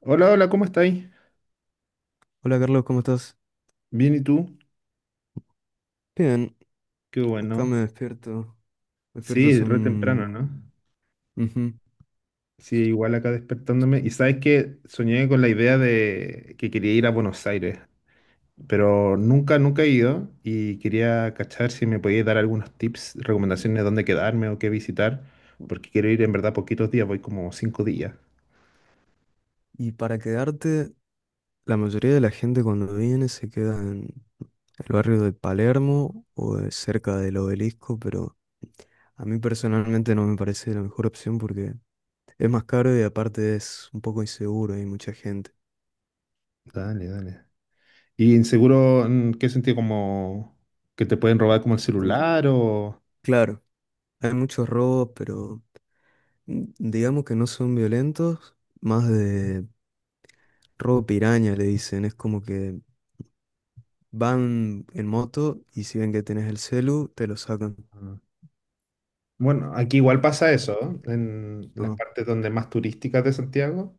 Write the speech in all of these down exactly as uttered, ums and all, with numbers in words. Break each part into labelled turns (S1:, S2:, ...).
S1: Hola, hola, ¿cómo estáis?
S2: Hola Carlos, ¿cómo estás?
S1: Bien, ¿y tú?
S2: Bien,
S1: Qué
S2: acá me
S1: bueno.
S2: despierto. Me despierto
S1: Sí,
S2: hace
S1: re temprano,
S2: un.
S1: ¿no?
S2: Ujú.
S1: Sí, igual acá despertándome. Y sabes que soñé con la idea de que quería ir a Buenos Aires, pero nunca, nunca he ido y quería cachar si me podías dar algunos tips, recomendaciones de dónde quedarme o qué visitar, porque quiero ir en verdad poquitos días, voy como cinco días.
S2: Y para quedarte, la mayoría de la gente cuando viene se queda en el barrio de Palermo o de cerca del Obelisco, pero a mí personalmente no me parece la mejor opción porque es más caro y aparte es un poco inseguro, hay mucha gente.
S1: Dale, dale. ¿Y inseguro en qué sentido? ¿Como que te pueden robar como el
S2: Como-
S1: celular o...?
S2: Claro, hay muchos robos, pero mm, digamos que no son violentos, más de robo piraña le dicen, es como que van en moto y si ven que tenés el celu, te lo sacan.
S1: Ah. Bueno, aquí igual pasa eso, ¿eh? En las
S2: No.
S1: partes donde más turísticas de Santiago,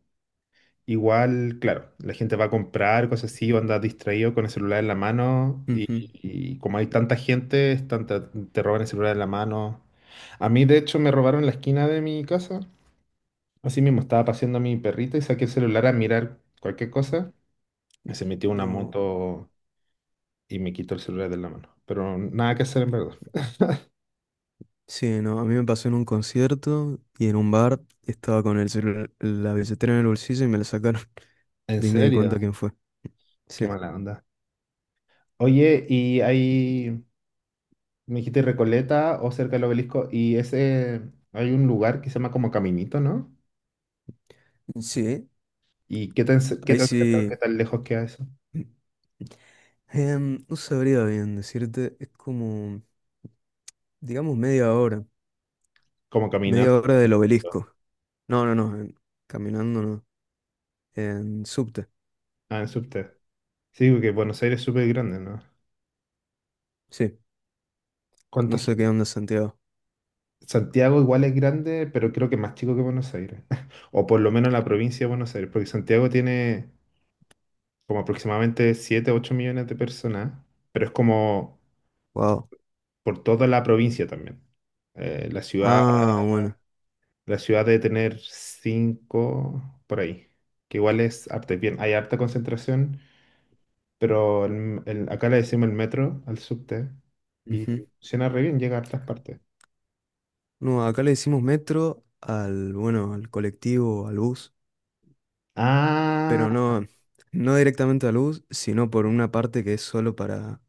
S1: igual, claro, la gente va a comprar cosas así o anda distraído con el celular en la mano y,
S2: Ujú.
S1: y como hay tanta gente, están- te, te roban el celular en la mano. A mí, de hecho, me robaron en la esquina de mi casa. Así mismo, estaba paseando a mi perrita y saqué el celular a mirar cualquier cosa. y Se metió una
S2: No.
S1: moto y me quitó el celular de la mano. Pero nada que hacer en verdad.
S2: Sí, no. A mí me pasó en un concierto y en un bar estaba con el celular, la billetera en el bolsillo y me la sacaron.
S1: En
S2: De ahí me di cuenta
S1: serio,
S2: quién fue.
S1: qué
S2: Sí.
S1: mala onda. Oye, y hay, me dijiste Recoleta o cerca del obelisco, y ese, hay un lugar que se llama como Caminito, ¿no?
S2: Sí.
S1: ¿Y qué tan, ce- qué
S2: Ahí
S1: tan cerca,
S2: sí.
S1: qué tan lejos queda eso?
S2: Em, no sabría bien decirte. Es como, digamos, media hora.
S1: Como caminando.
S2: Media hora del Obelisco. No, no, no, en- caminando no. En subte.
S1: Ah, en subte. Sí, porque Buenos Aires es súper grande, ¿no?
S2: Sí. No
S1: ¿Cuánta
S2: sé qué
S1: gente?
S2: onda Santiago.
S1: Santiago igual es grande, pero creo que más chico que Buenos Aires. O por lo menos la provincia de Buenos Aires, porque Santiago tiene como aproximadamente siete ocho millones de personas, pero es como
S2: Wow.
S1: por toda la provincia también. Eh, la ciudad,
S2: Ah, bueno.
S1: la ciudad debe tener cinco por ahí, que igual es harta, bien, hay harta concentración, pero el- el- acá le decimos el metro al subte y
S2: Ujú.
S1: funciona re bien, llega a hartas partes.
S2: No, acá le decimos metro al, bueno, al colectivo, al bus,
S1: Ah,
S2: pero no, no directamente al bus, sino por una parte que es solo para,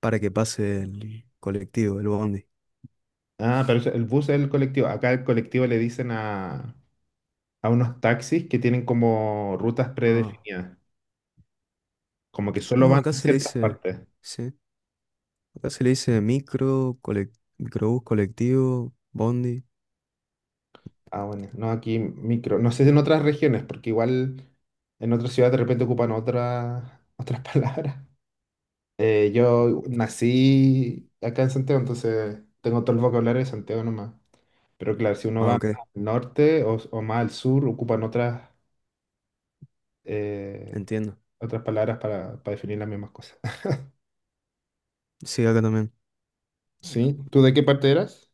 S2: para que pase el colectivo, el bondi.
S1: ah, pero eso- el bus es el colectivo. Acá el colectivo le dicen a, a unos taxis que tienen como rutas
S2: Ah,
S1: predefinidas, como que solo
S2: no,
S1: van
S2: acá
S1: a
S2: se le
S1: ciertas
S2: dice,
S1: partes.
S2: sí, acá se le dice micro, colec- microbús, colectivo, bondi.
S1: Ah, bueno, no, aquí micro. No sé si en otras regiones, porque igual en otras ciudades de repente ocupan otras otras palabras. Eh, yo nací acá en Santiago, entonces tengo todo el vocabulario de Santiago nomás. Pero claro, si uno
S2: Ah,
S1: va más
S2: ok,
S1: al norte o, o más al sur, ocupan otras, eh,
S2: entiendo.
S1: otras palabras para, para definir las mismas cosas.
S2: Sí, acá también,
S1: ¿Sí? ¿Tú de qué parte eras?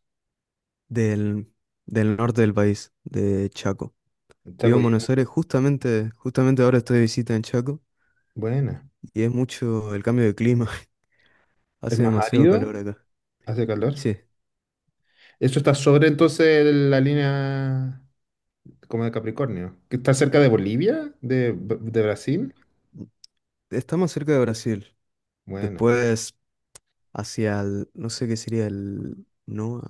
S2: del, del norte del país, de Chaco. Vivo en
S1: Chacoyana.
S2: Buenos Aires, justamente, justamente ahora estoy de visita en Chaco.
S1: Buena.
S2: Y es mucho el cambio de clima.
S1: ¿Es
S2: Hace
S1: más
S2: demasiado
S1: árido?
S2: calor acá.
S1: ¿Hace calor?
S2: Sí,
S1: ¿Eso está sobre entonces la línea como de Capricornio, que está cerca de Bolivia, de, B- de Brasil?
S2: está más cerca de Brasil.
S1: Buena,
S2: Después, hacia el, no sé qué sería el, no,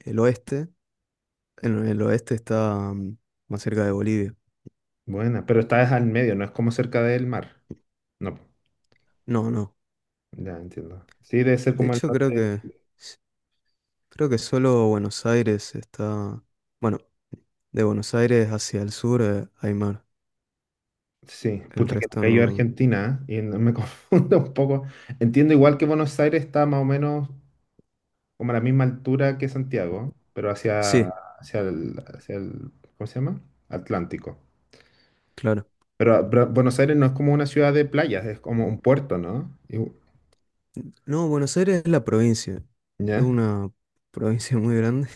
S2: el oeste. En el oeste está mm, más cerca de Bolivia.
S1: buena, pero está es al medio, no es como cerca del mar. No,
S2: No, no.
S1: ya entiendo. Sí, debe ser
S2: De
S1: como el
S2: hecho,
S1: norte
S2: creo
S1: de
S2: que,
S1: Chile.
S2: s- creo que solo Buenos Aires está, bueno, de Buenos Aires hacia el sur, eh, hay mar.
S1: Sí,
S2: El
S1: pucha que
S2: resto
S1: nunca he ido a
S2: no.
S1: Argentina, ¿eh? y no- me confundo un poco. Entiendo igual que Buenos Aires está más o menos como a la misma altura que Santiago, pero hacia,
S2: Sí,
S1: hacia el, hacia el, ¿cómo se llama? Atlántico.
S2: claro.
S1: Pero, pero Buenos Aires no es como una ciudad de playas, es como un puerto, ¿no? Y-
S2: No, Buenos Aires es la provincia. Es
S1: ¿Ya?
S2: una provincia muy grande.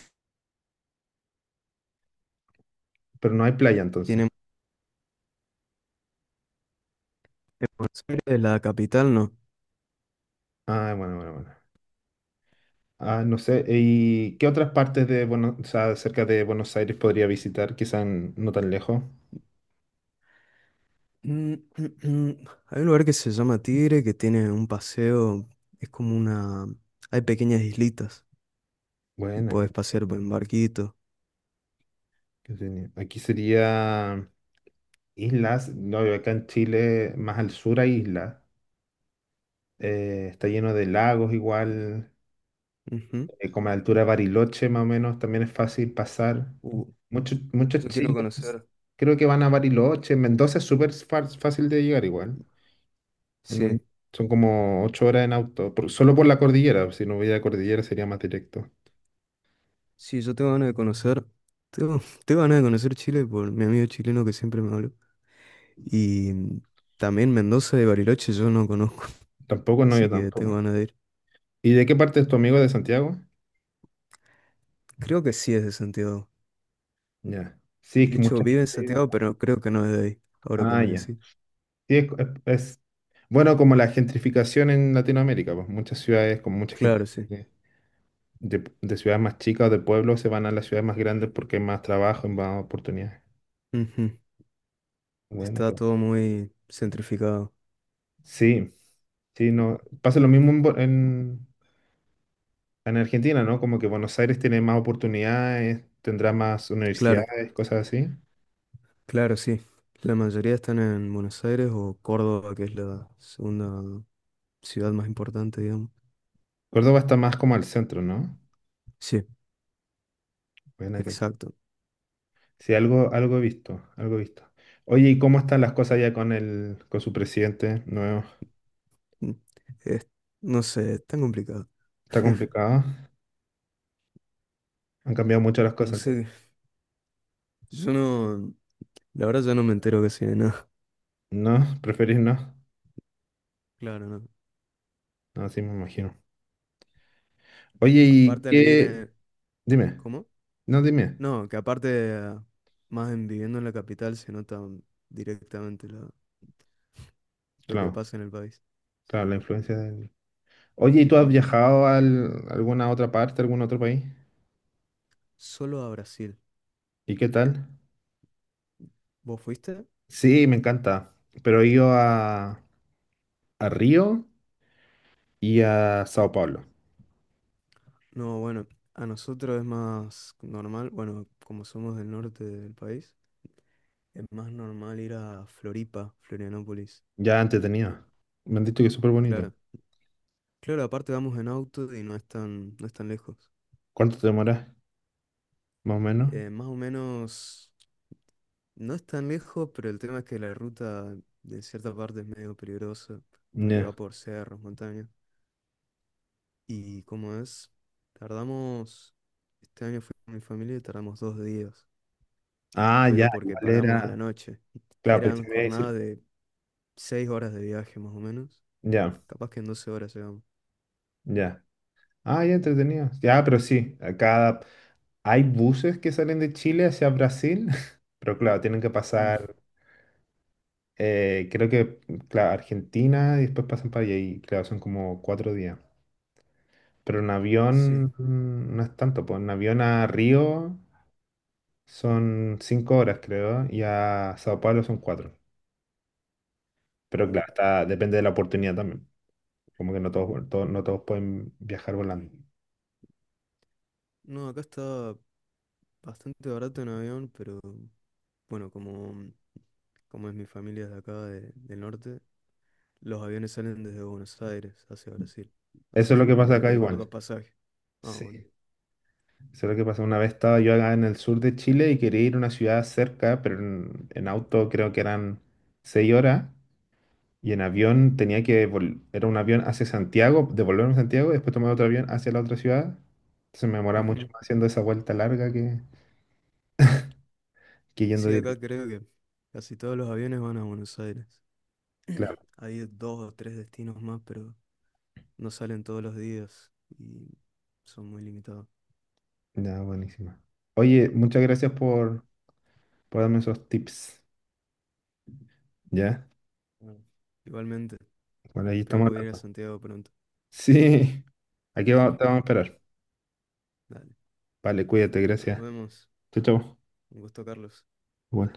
S1: Pero no hay playa entonces.
S2: Tiene Buenos Aires, la capital, no.
S1: Ah, bueno, bueno, bueno. Ah, no sé, ¿y qué otras partes de Buenos, o sea, cerca de Buenos Aires podría visitar? Quizás no tan lejos.
S2: Mm, mm, mm. Hay un lugar que se llama Tigre, que tiene un paseo, es como una. Hay pequeñas islitas y
S1: Bueno, qué-
S2: podés pasear por en barquito.
S1: qué genial. Aquí sería islas, no, y acá en Chile, más al sur hay islas. Eh, está lleno de lagos igual,
S2: Ujú.
S1: eh, como a la altura de Bariloche más o menos, también es fácil pasar.
S2: Uh,
S1: Muchos, muchos
S2: yo quiero
S1: chilenos
S2: conocer.
S1: creo que van a Bariloche, Mendoza es súper fa- fácil de llegar igual. En
S2: Sí,
S1: un- Son como ocho horas en auto, por- solo por la cordillera. Si no hubiera cordillera sería más directo.
S2: sí, yo tengo ganas de conocer. Tengo, tengo ganas de conocer Chile por mi amigo chileno que siempre me habló. Y mm, también Mendoza y Bariloche yo no conozco,
S1: Tampoco, no, yo
S2: así que tengo
S1: tampoco.
S2: ganas de ir.
S1: ¿Y de qué parte es tu amigo de Santiago?
S2: Creo que sí es de Santiago.
S1: Ya. Sí, es
S2: De
S1: que
S2: hecho,
S1: mucha
S2: vive en
S1: gente vive
S2: Santiago,
S1: acá.
S2: pero creo que no es de ahí, ahora que
S1: Ah,
S2: me
S1: ya.
S2: decís.
S1: Sí, es, es- es- bueno, como la gentrificación en Latinoamérica, pues muchas ciudades con mucha gente
S2: Claro, sí.
S1: de, de- de ciudades más chicas o de pueblos se van a las ciudades más grandes porque hay más trabajo y más oportunidades.
S2: Ujú.
S1: Bueno,
S2: Está
S1: qué-
S2: todo muy centrificado.
S1: sí, sí, no. Pasa lo mismo en, Bo- en En Argentina, ¿no? Como que Buenos Aires tiene más oportunidades, tendrá más
S2: Claro,
S1: universidades, cosas así.
S2: claro, sí. La mayoría están en Buenos Aires o Córdoba, que es la segunda ciudad más importante, digamos.
S1: Córdoba está más como al centro, ¿no?
S2: Sí,
S1: Buena que tú.
S2: exacto.
S1: Sí, algo, algo he visto, algo he visto. Oye, ¿y cómo están las cosas ya con el, con su presidente nuevo?
S2: Mm. Es- no sé, es tan complicado.
S1: ¿Está complicado? Han cambiado mucho las
S2: No
S1: cosas entonces.
S2: sé, yo no, la verdad yo no me entero casi de nada.
S1: ¿No? ¿Preferís no?
S2: Claro, no.
S1: No, sí me imagino. Oye, ¿y
S2: Aparte al vivir
S1: qué?
S2: en.
S1: Dime.
S2: ¿Cómo?
S1: No, dime.
S2: No, que aparte ah, más en viviendo en la capital se nota directamente lo, lo que
S1: Claro,
S2: pasa en el país.
S1: claro, la influencia del... Oye, ¿y tú has
S2: Ujú.
S1: viajado a alguna otra parte, algún otro país?
S2: Solo a Brasil.
S1: ¿Y qué tal?
S2: ¿Vos fuiste?
S1: Sí, me encanta. Pero he ido a, a Río y a Sao Paulo.
S2: No, bueno, a nosotros es más normal, bueno, como somos del norte del país, es más normal ir a Floripa, Florianópolis.
S1: Ya entretenido. Me han dicho que es súper bonito.
S2: Claro, claro, aparte vamos en auto y no es tan, no es tan lejos.
S1: ¿Cuánto te demoras? Más o menos.
S2: Eh, más o menos, no es tan lejos, pero el tema es que la ruta en cierta parte es medio peligrosa, porque va
S1: Ya.
S2: por cerros, montañas. Y como es, tardamos, este año fui con mi familia y tardamos dos días,
S1: Ah, ya,
S2: pero porque
S1: igual
S2: paramos a la
S1: era.
S2: noche.
S1: Claro, pensé
S2: Eran
S1: que me iba a decir.
S2: jornadas. Seis horas de viaje más o menos.
S1: Ya,
S2: Capaz que en doce horas llegamos.
S1: ya. Ah, ya entretenido. Ya, pero sí. Acá hay buses que salen de Chile hacia Brasil. Pero claro, tienen que
S2: Mm,
S1: pasar. Eh, creo que, claro, Argentina y después pasan para allá. Y claro, son como cuatro días. Pero en
S2: sí,
S1: avión mm, no es tanto, pues en avión a Río son cinco horas, creo, y a Sao Paulo son cuatro. Pero claro,
S2: wow.
S1: está- depende de la oportunidad también. Como que no todos, vol- to- no todos pueden viajar volando.
S2: No, acá está bastante barato en avión, pero bueno, como, mm, como es mi familia de acá, de- del norte, los aviones salen desde Buenos Aires hacia Brasil.
S1: Eso
S2: Así
S1: es lo que
S2: que
S1: pasa
S2: había
S1: acá
S2: que pagar dos
S1: igual.
S2: pasajes. Ah,
S1: Sí.
S2: bueno.
S1: Eso es lo que pasa. Una vez estaba yo acá en el sur de Chile y quería ir a una ciudad cerca, pero en, en auto creo que eran seis horas. Y en avión tenía que, vol- era un avión hacia Santiago, devolverme a Santiago y después tomar otro avión hacia la otra ciudad. Entonces me demoraba mucho
S2: Ujú.
S1: más haciendo esa vuelta larga que, que yendo
S2: Sí, acá
S1: directo.
S2: creo que casi todos los aviones van a Buenos Aires.
S1: Claro,
S2: Hay dos o tres destinos más, pero no salen todos los días y son muy limitados.
S1: ya, buenísima. Oye, muchas gracias por, por darme esos tips. ¿Ya?
S2: Bueno, igualmente.
S1: Bueno, ahí
S2: Espero
S1: estamos
S2: poder ir a
S1: hablando.
S2: Santiago pronto.
S1: Sí, aquí va- te vamos a esperar.
S2: Dale,
S1: Vale, cuídate,
S2: nos
S1: gracias.
S2: vemos.
S1: Chau, chau.
S2: Un gusto, Carlos.
S1: Igual.